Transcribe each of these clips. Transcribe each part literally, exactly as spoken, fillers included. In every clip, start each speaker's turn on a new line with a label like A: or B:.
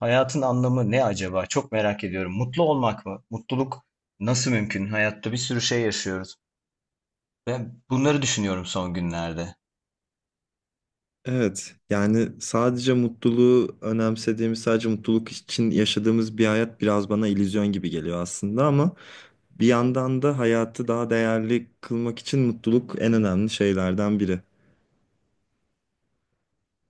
A: Hayatın anlamı ne acaba? Çok merak ediyorum. Mutlu olmak mı? Mutluluk nasıl mümkün? Hayatta bir sürü şey yaşıyoruz. Ben bunları düşünüyorum son günlerde.
B: Evet, yani sadece mutluluğu önemsediğimiz, sadece mutluluk için yaşadığımız bir hayat biraz bana illüzyon gibi geliyor aslında, ama bir yandan da hayatı daha değerli kılmak için mutluluk en önemli şeylerden biri.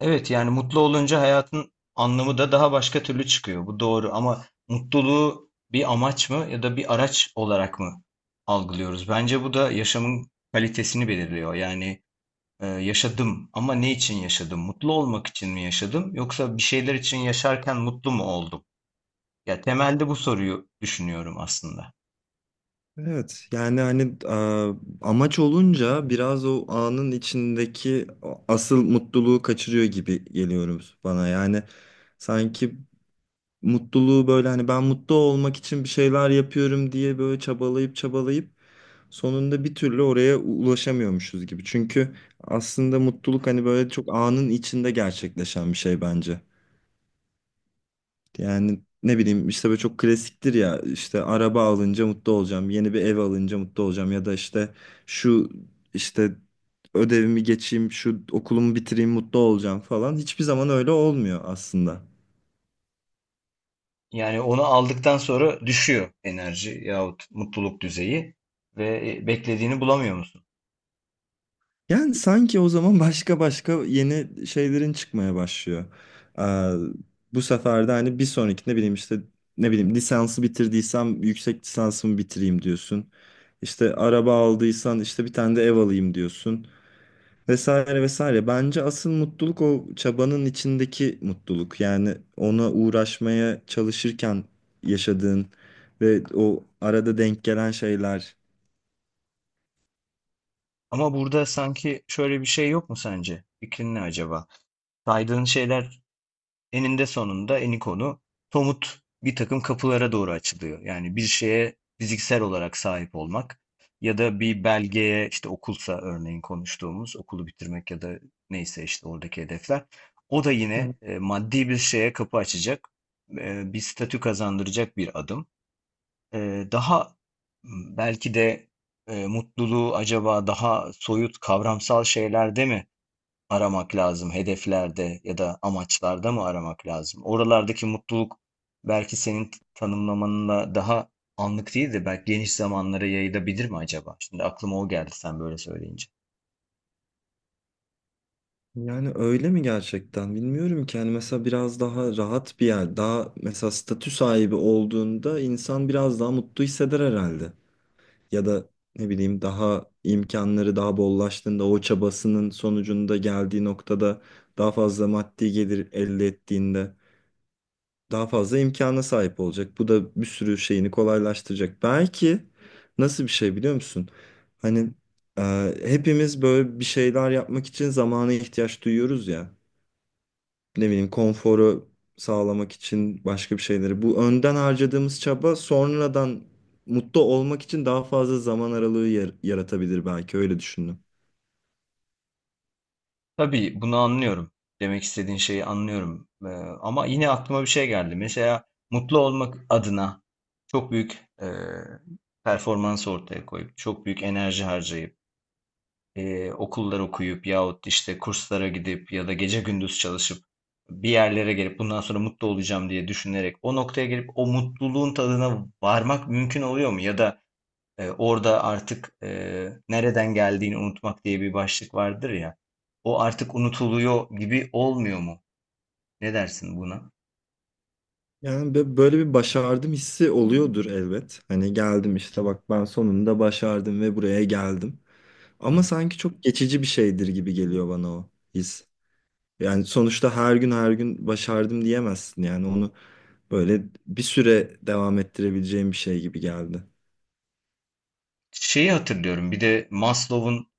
A: Evet, yani mutlu olunca hayatın anlamı da daha başka türlü çıkıyor. Bu doğru ama mutluluğu bir amaç mı ya da bir araç olarak mı algılıyoruz? Bence bu da yaşamın kalitesini belirliyor. Yani e, yaşadım ama ne için yaşadım? Mutlu olmak için mi yaşadım yoksa bir şeyler için yaşarken mutlu mu oldum? Ya temelde bu soruyu düşünüyorum aslında.
B: Evet, yani hani e, amaç olunca biraz o anın içindeki o asıl mutluluğu kaçırıyor gibi geliyoruz bana. Yani sanki mutluluğu böyle hani ben mutlu olmak için bir şeyler yapıyorum diye böyle çabalayıp çabalayıp sonunda bir türlü oraya ulaşamıyormuşuz gibi. Çünkü aslında mutluluk hani böyle çok anın içinde gerçekleşen bir şey bence. Yani ne bileyim işte böyle çok klasiktir ya, işte araba alınca mutlu olacağım, yeni bir ev alınca mutlu olacağım ya da işte şu işte ödevimi geçeyim, şu okulumu bitireyim mutlu olacağım falan. Hiçbir zaman öyle olmuyor aslında.
A: Yani onu aldıktan sonra düşüyor enerji yahut mutluluk düzeyi ve e, beklediğini bulamıyor musun?
B: Yani sanki o zaman başka başka yeni şeylerin çıkmaya başlıyor. Ee, Bu sefer de hani bir sonraki ne bileyim işte ne bileyim lisansı bitirdiysem yüksek lisansımı bitireyim diyorsun. İşte araba aldıysan işte bir tane de ev alayım diyorsun. Vesaire vesaire. Bence asıl mutluluk o çabanın içindeki mutluluk. Yani ona uğraşmaya çalışırken yaşadığın ve o arada denk gelen şeyler.
A: Ama burada sanki şöyle bir şey yok mu sence? Fikrin ne acaba? Saydığın şeyler eninde sonunda eni Eniko'nu somut bir takım kapılara doğru açılıyor. Yani bir şeye fiziksel olarak sahip olmak ya da bir belgeye işte okulsa örneğin konuştuğumuz okulu bitirmek ya da neyse işte oradaki hedefler. O da
B: Hı.
A: yine e, maddi bir şeye kapı açacak, e, bir statü kazandıracak bir adım. E, daha m, belki de e, Mutluluğu acaba daha soyut kavramsal şeylerde mi aramak lazım? Hedeflerde ya da amaçlarda mı aramak lazım? Oralardaki mutluluk belki senin t- tanımlamanla daha anlık değil de belki geniş zamanlara yayılabilir mi acaba? Şimdi aklıma o geldi sen böyle söyleyince.
B: Yani öyle mi gerçekten bilmiyorum ki. Yani mesela biraz daha rahat bir yer, daha mesela statü sahibi olduğunda insan biraz daha mutlu hisseder herhalde. Ya da ne bileyim daha imkanları daha bollaştığında, o çabasının sonucunda geldiği noktada daha fazla maddi gelir elde ettiğinde daha fazla imkana sahip olacak. Bu da bir sürü şeyini kolaylaştıracak. Belki nasıl bir şey biliyor musun? Hani e, hepimiz böyle bir şeyler yapmak için zamana ihtiyaç duyuyoruz ya, ne bileyim konforu sağlamak için başka bir şeyleri. Bu önden harcadığımız çaba sonradan mutlu olmak için daha fazla zaman aralığı yar- yaratabilir belki, öyle düşündüm.
A: Tabii bunu anlıyorum. Demek istediğin şeyi anlıyorum. Ee, ama yine aklıma bir şey geldi. Mesela mutlu olmak adına çok büyük e, performans ortaya koyup, çok büyük enerji harcayıp, e, okullar okuyup yahut işte kurslara gidip ya da gece gündüz çalışıp bir yerlere gelip bundan sonra mutlu olacağım diye düşünerek o noktaya gelip o mutluluğun tadına varmak mümkün oluyor mu? Ya da e, orada artık e, nereden geldiğini unutmak diye bir başlık vardır ya. O artık unutuluyor gibi olmuyor mu? Ne dersin buna?
B: Yani bö- böyle bir başardım hissi oluyordur elbet. Hani geldim işte, bak ben sonunda başardım ve buraya geldim.
A: Hı
B: Ama
A: hı.
B: sanki çok geçici bir şeydir gibi geliyor bana o his. Yani sonuçta her gün her gün başardım diyemezsin, yani onu böyle bir süre devam ettirebileceğim bir şey gibi geldi.
A: Şeyi hatırlıyorum. Bir de Maslow'un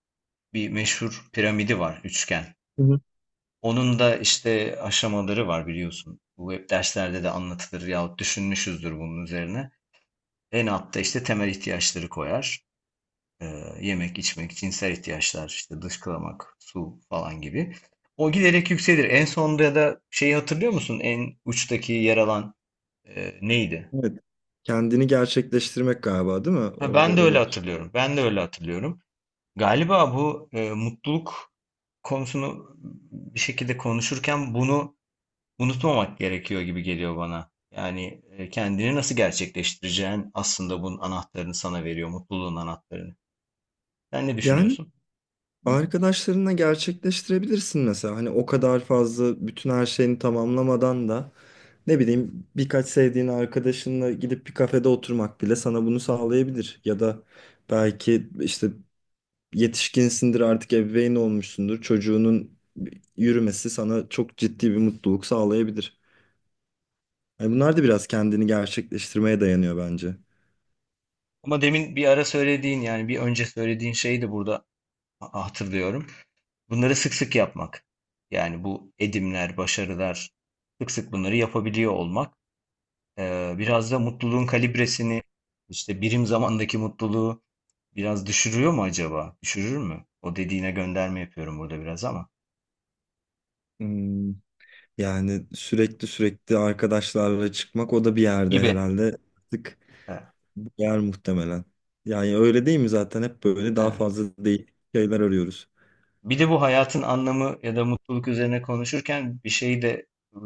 A: bir meşhur piramidi var, üçgen. Onun da işte aşamaları var biliyorsun. Bu hep derslerde de anlatılır yahut düşünmüşüzdür bunun üzerine. En altta işte temel ihtiyaçları koyar. Ee, yemek, içmek, cinsel ihtiyaçlar, işte dışkılamak, su falan gibi. O giderek yükselir. En sonda da şeyi hatırlıyor musun? En uçtaki yer alan e, neydi?
B: Evet. Kendini gerçekleştirmek galiba, değil mi?
A: Ha,
B: Orada
A: ben de öyle
B: öyle bir şey.
A: hatırlıyorum. Ben de öyle hatırlıyorum. Galiba bu e, mutluluk konusunu bir şekilde konuşurken bunu unutmamak gerekiyor gibi geliyor bana. Yani e, kendini nasıl gerçekleştireceğin aslında bunun anahtarını sana veriyor, mutluluğun anahtarını. Sen ne
B: Yani
A: düşünüyorsun?
B: arkadaşlarınla gerçekleştirebilirsin mesela. Hani o kadar fazla bütün her şeyini tamamlamadan da ne bileyim birkaç sevdiğin arkadaşınla gidip bir kafede oturmak bile sana bunu sağlayabilir. Ya da belki işte yetişkinsindir artık, ebeveyn olmuşsundur. Çocuğunun yürümesi sana çok ciddi bir mutluluk sağlayabilir. Yani bunlar da biraz kendini gerçekleştirmeye dayanıyor bence.
A: Ama demin bir ara söylediğin yani bir önce söylediğin şeyi de burada ha- hatırlıyorum. Bunları sık sık yapmak. Yani bu edimler, başarılar sık sık bunları yapabiliyor olmak. E, biraz da mutluluğun kalibresini işte birim zamandaki mutluluğu biraz düşürüyor mu acaba? Düşürür mü? O dediğine gönderme yapıyorum burada biraz ama.
B: Hmm. Yani sürekli sürekli arkadaşlarla çıkmak, o da bir yerde
A: Gibi.
B: herhalde artık yer muhtemelen. Yani öyle değil mi zaten, hep böyle daha
A: Evet.
B: fazla değil şeyler arıyoruz.
A: Bir de bu hayatın anlamı ya da mutluluk üzerine konuşurken bir şeyi de e,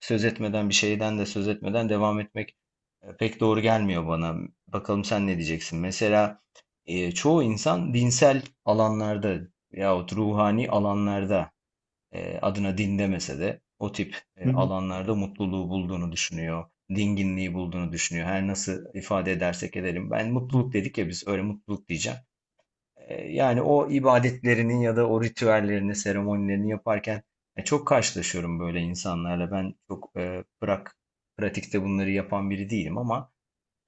A: söz etmeden, bir şeyden de söz etmeden devam etmek e, pek doğru gelmiyor bana. Bakalım sen ne diyeceksin? Mesela e, çoğu insan dinsel alanlarda yahut ruhani alanlarda e, adına din demese de o tip e,
B: Hı hı.
A: alanlarda mutluluğu bulduğunu düşünüyor. Dinginliği bulduğunu düşünüyor. Her nasıl ifade edersek edelim. Ben mutluluk dedik ya biz, öyle mutluluk diyeceğim. E, Yani o ibadetlerinin ya da o ritüellerini, seremonilerini yaparken e, çok karşılaşıyorum böyle insanlarla. Ben çok e, bırak pratikte bunları yapan biri değilim ama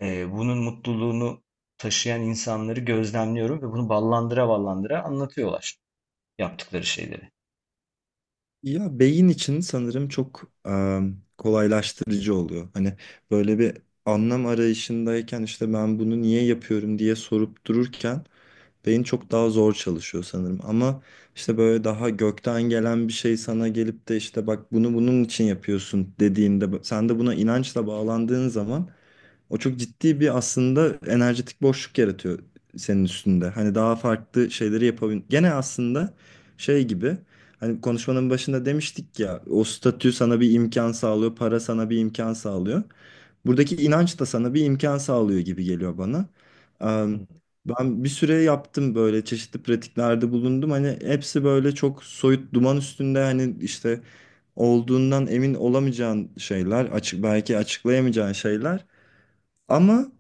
A: e, bunun mutluluğunu taşıyan insanları gözlemliyorum ve bunu ballandıra ballandıra anlatıyorlar yaptıkları şeyleri.
B: Ya beyin için sanırım çok e, kolaylaştırıcı oluyor. Hani böyle bir anlam arayışındayken, işte ben bunu niye yapıyorum diye sorup dururken beyin çok daha zor çalışıyor sanırım. Ama işte böyle daha gökten gelen bir şey sana gelip de işte bak bunu bunun için yapıyorsun dediğinde, sen de buna inançla bağlandığın zaman o çok ciddi bir aslında enerjetik boşluk yaratıyor senin üstünde. Hani daha farklı şeyleri yapabilir. Gene aslında şey gibi, hani konuşmanın başında demiştik ya, o statü sana bir imkan sağlıyor, para sana bir imkan sağlıyor. Buradaki inanç da sana bir imkan sağlıyor gibi geliyor bana. Em,
A: Hı.
B: Ben bir süre yaptım, böyle çeşitli pratiklerde bulundum. Hani hepsi böyle çok soyut, duman üstünde, hani işte olduğundan emin olamayacağın şeyler, açık belki açıklayamayacağın şeyler. Ama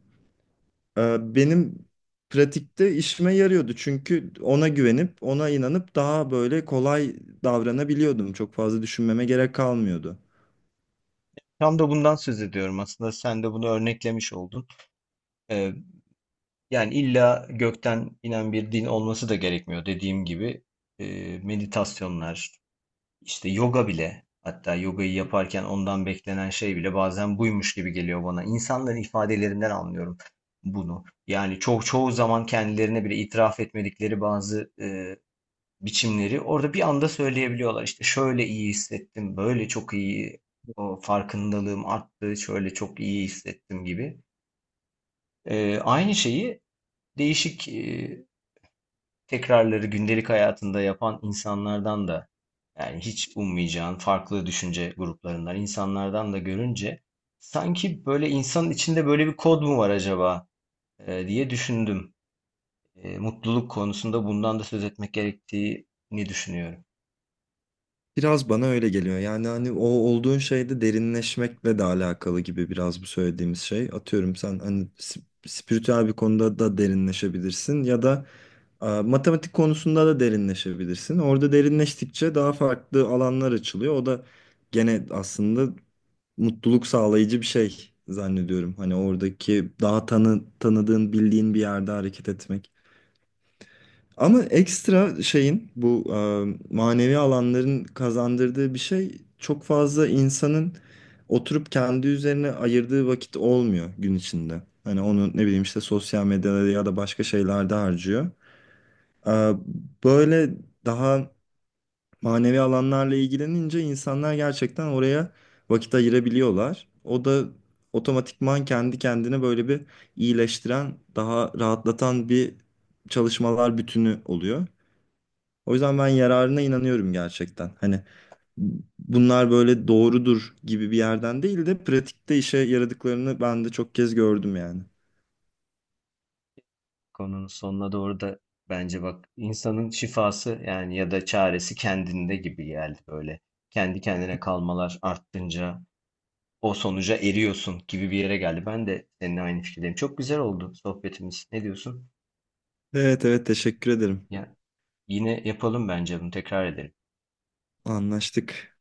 B: e, benim pratikte işime yarıyordu. Çünkü ona güvenip, ona inanıp daha böyle kolay davranabiliyordum. Çok fazla düşünmeme gerek kalmıyordu.
A: Tam da bundan söz ediyorum aslında. Sen de bunu örneklemiş oldun. E, Yani illa gökten inen bir din olması da gerekmiyor dediğim gibi. E, meditasyonlar, İşte yoga bile, hatta yogayı yaparken ondan beklenen şey bile bazen buymuş gibi geliyor bana. İnsanların ifadelerinden anlıyorum bunu. Yani çok çoğu zaman kendilerine bile itiraf etmedikleri bazı e, biçimleri orada bir anda söyleyebiliyorlar. İşte şöyle iyi hissettim, böyle çok iyi o farkındalığım arttı, şöyle çok iyi hissettim gibi. E, aynı şeyi değişik e, tekrarları gündelik hayatında yapan insanlardan da, yani hiç ummayacağın farklı düşünce gruplarından insanlardan da görünce sanki böyle insanın içinde böyle bir kod mu var acaba e, diye düşündüm. E, mutluluk konusunda bundan da söz etmek gerektiğini düşünüyorum.
B: Biraz bana öyle geliyor. Yani hani o olduğun şeyde derinleşmekle de alakalı gibi biraz bu söylediğimiz şey. Atıyorum sen hani sp- spiritüel bir konuda da derinleşebilirsin ya da e, matematik konusunda da derinleşebilirsin. Orada derinleştikçe daha farklı alanlar açılıyor. O da gene aslında mutluluk sağlayıcı bir şey zannediyorum. Hani oradaki daha tanı, tanıdığın, bildiğin bir yerde hareket etmek. Ama ekstra şeyin bu e, manevi alanların kazandırdığı bir şey, çok fazla insanın oturup kendi üzerine ayırdığı vakit olmuyor gün içinde. Hani onu ne bileyim işte sosyal medyada ya da başka şeylerde harcıyor. E, Böyle daha manevi alanlarla ilgilenince insanlar gerçekten oraya vakit ayırabiliyorlar. O da otomatikman kendi kendine böyle bir iyileştiren, daha rahatlatan bir çalışmalar bütünü oluyor. O yüzden ben yararına inanıyorum gerçekten. Hani bunlar böyle doğrudur gibi bir yerden değil de pratikte işe yaradıklarını ben de çok kez gördüm yani.
A: Konunun sonuna doğru da bence bak insanın şifası yani ya da çaresi kendinde gibi geldi böyle. Kendi kendine kalmalar arttınca o sonuca eriyorsun gibi bir yere geldi. Ben de seninle aynı fikirdeyim. Çok güzel oldu sohbetimiz. Ne diyorsun?
B: Evet, evet, teşekkür ederim.
A: Ya yine yapalım, bence bunu tekrar edelim.
B: Anlaştık.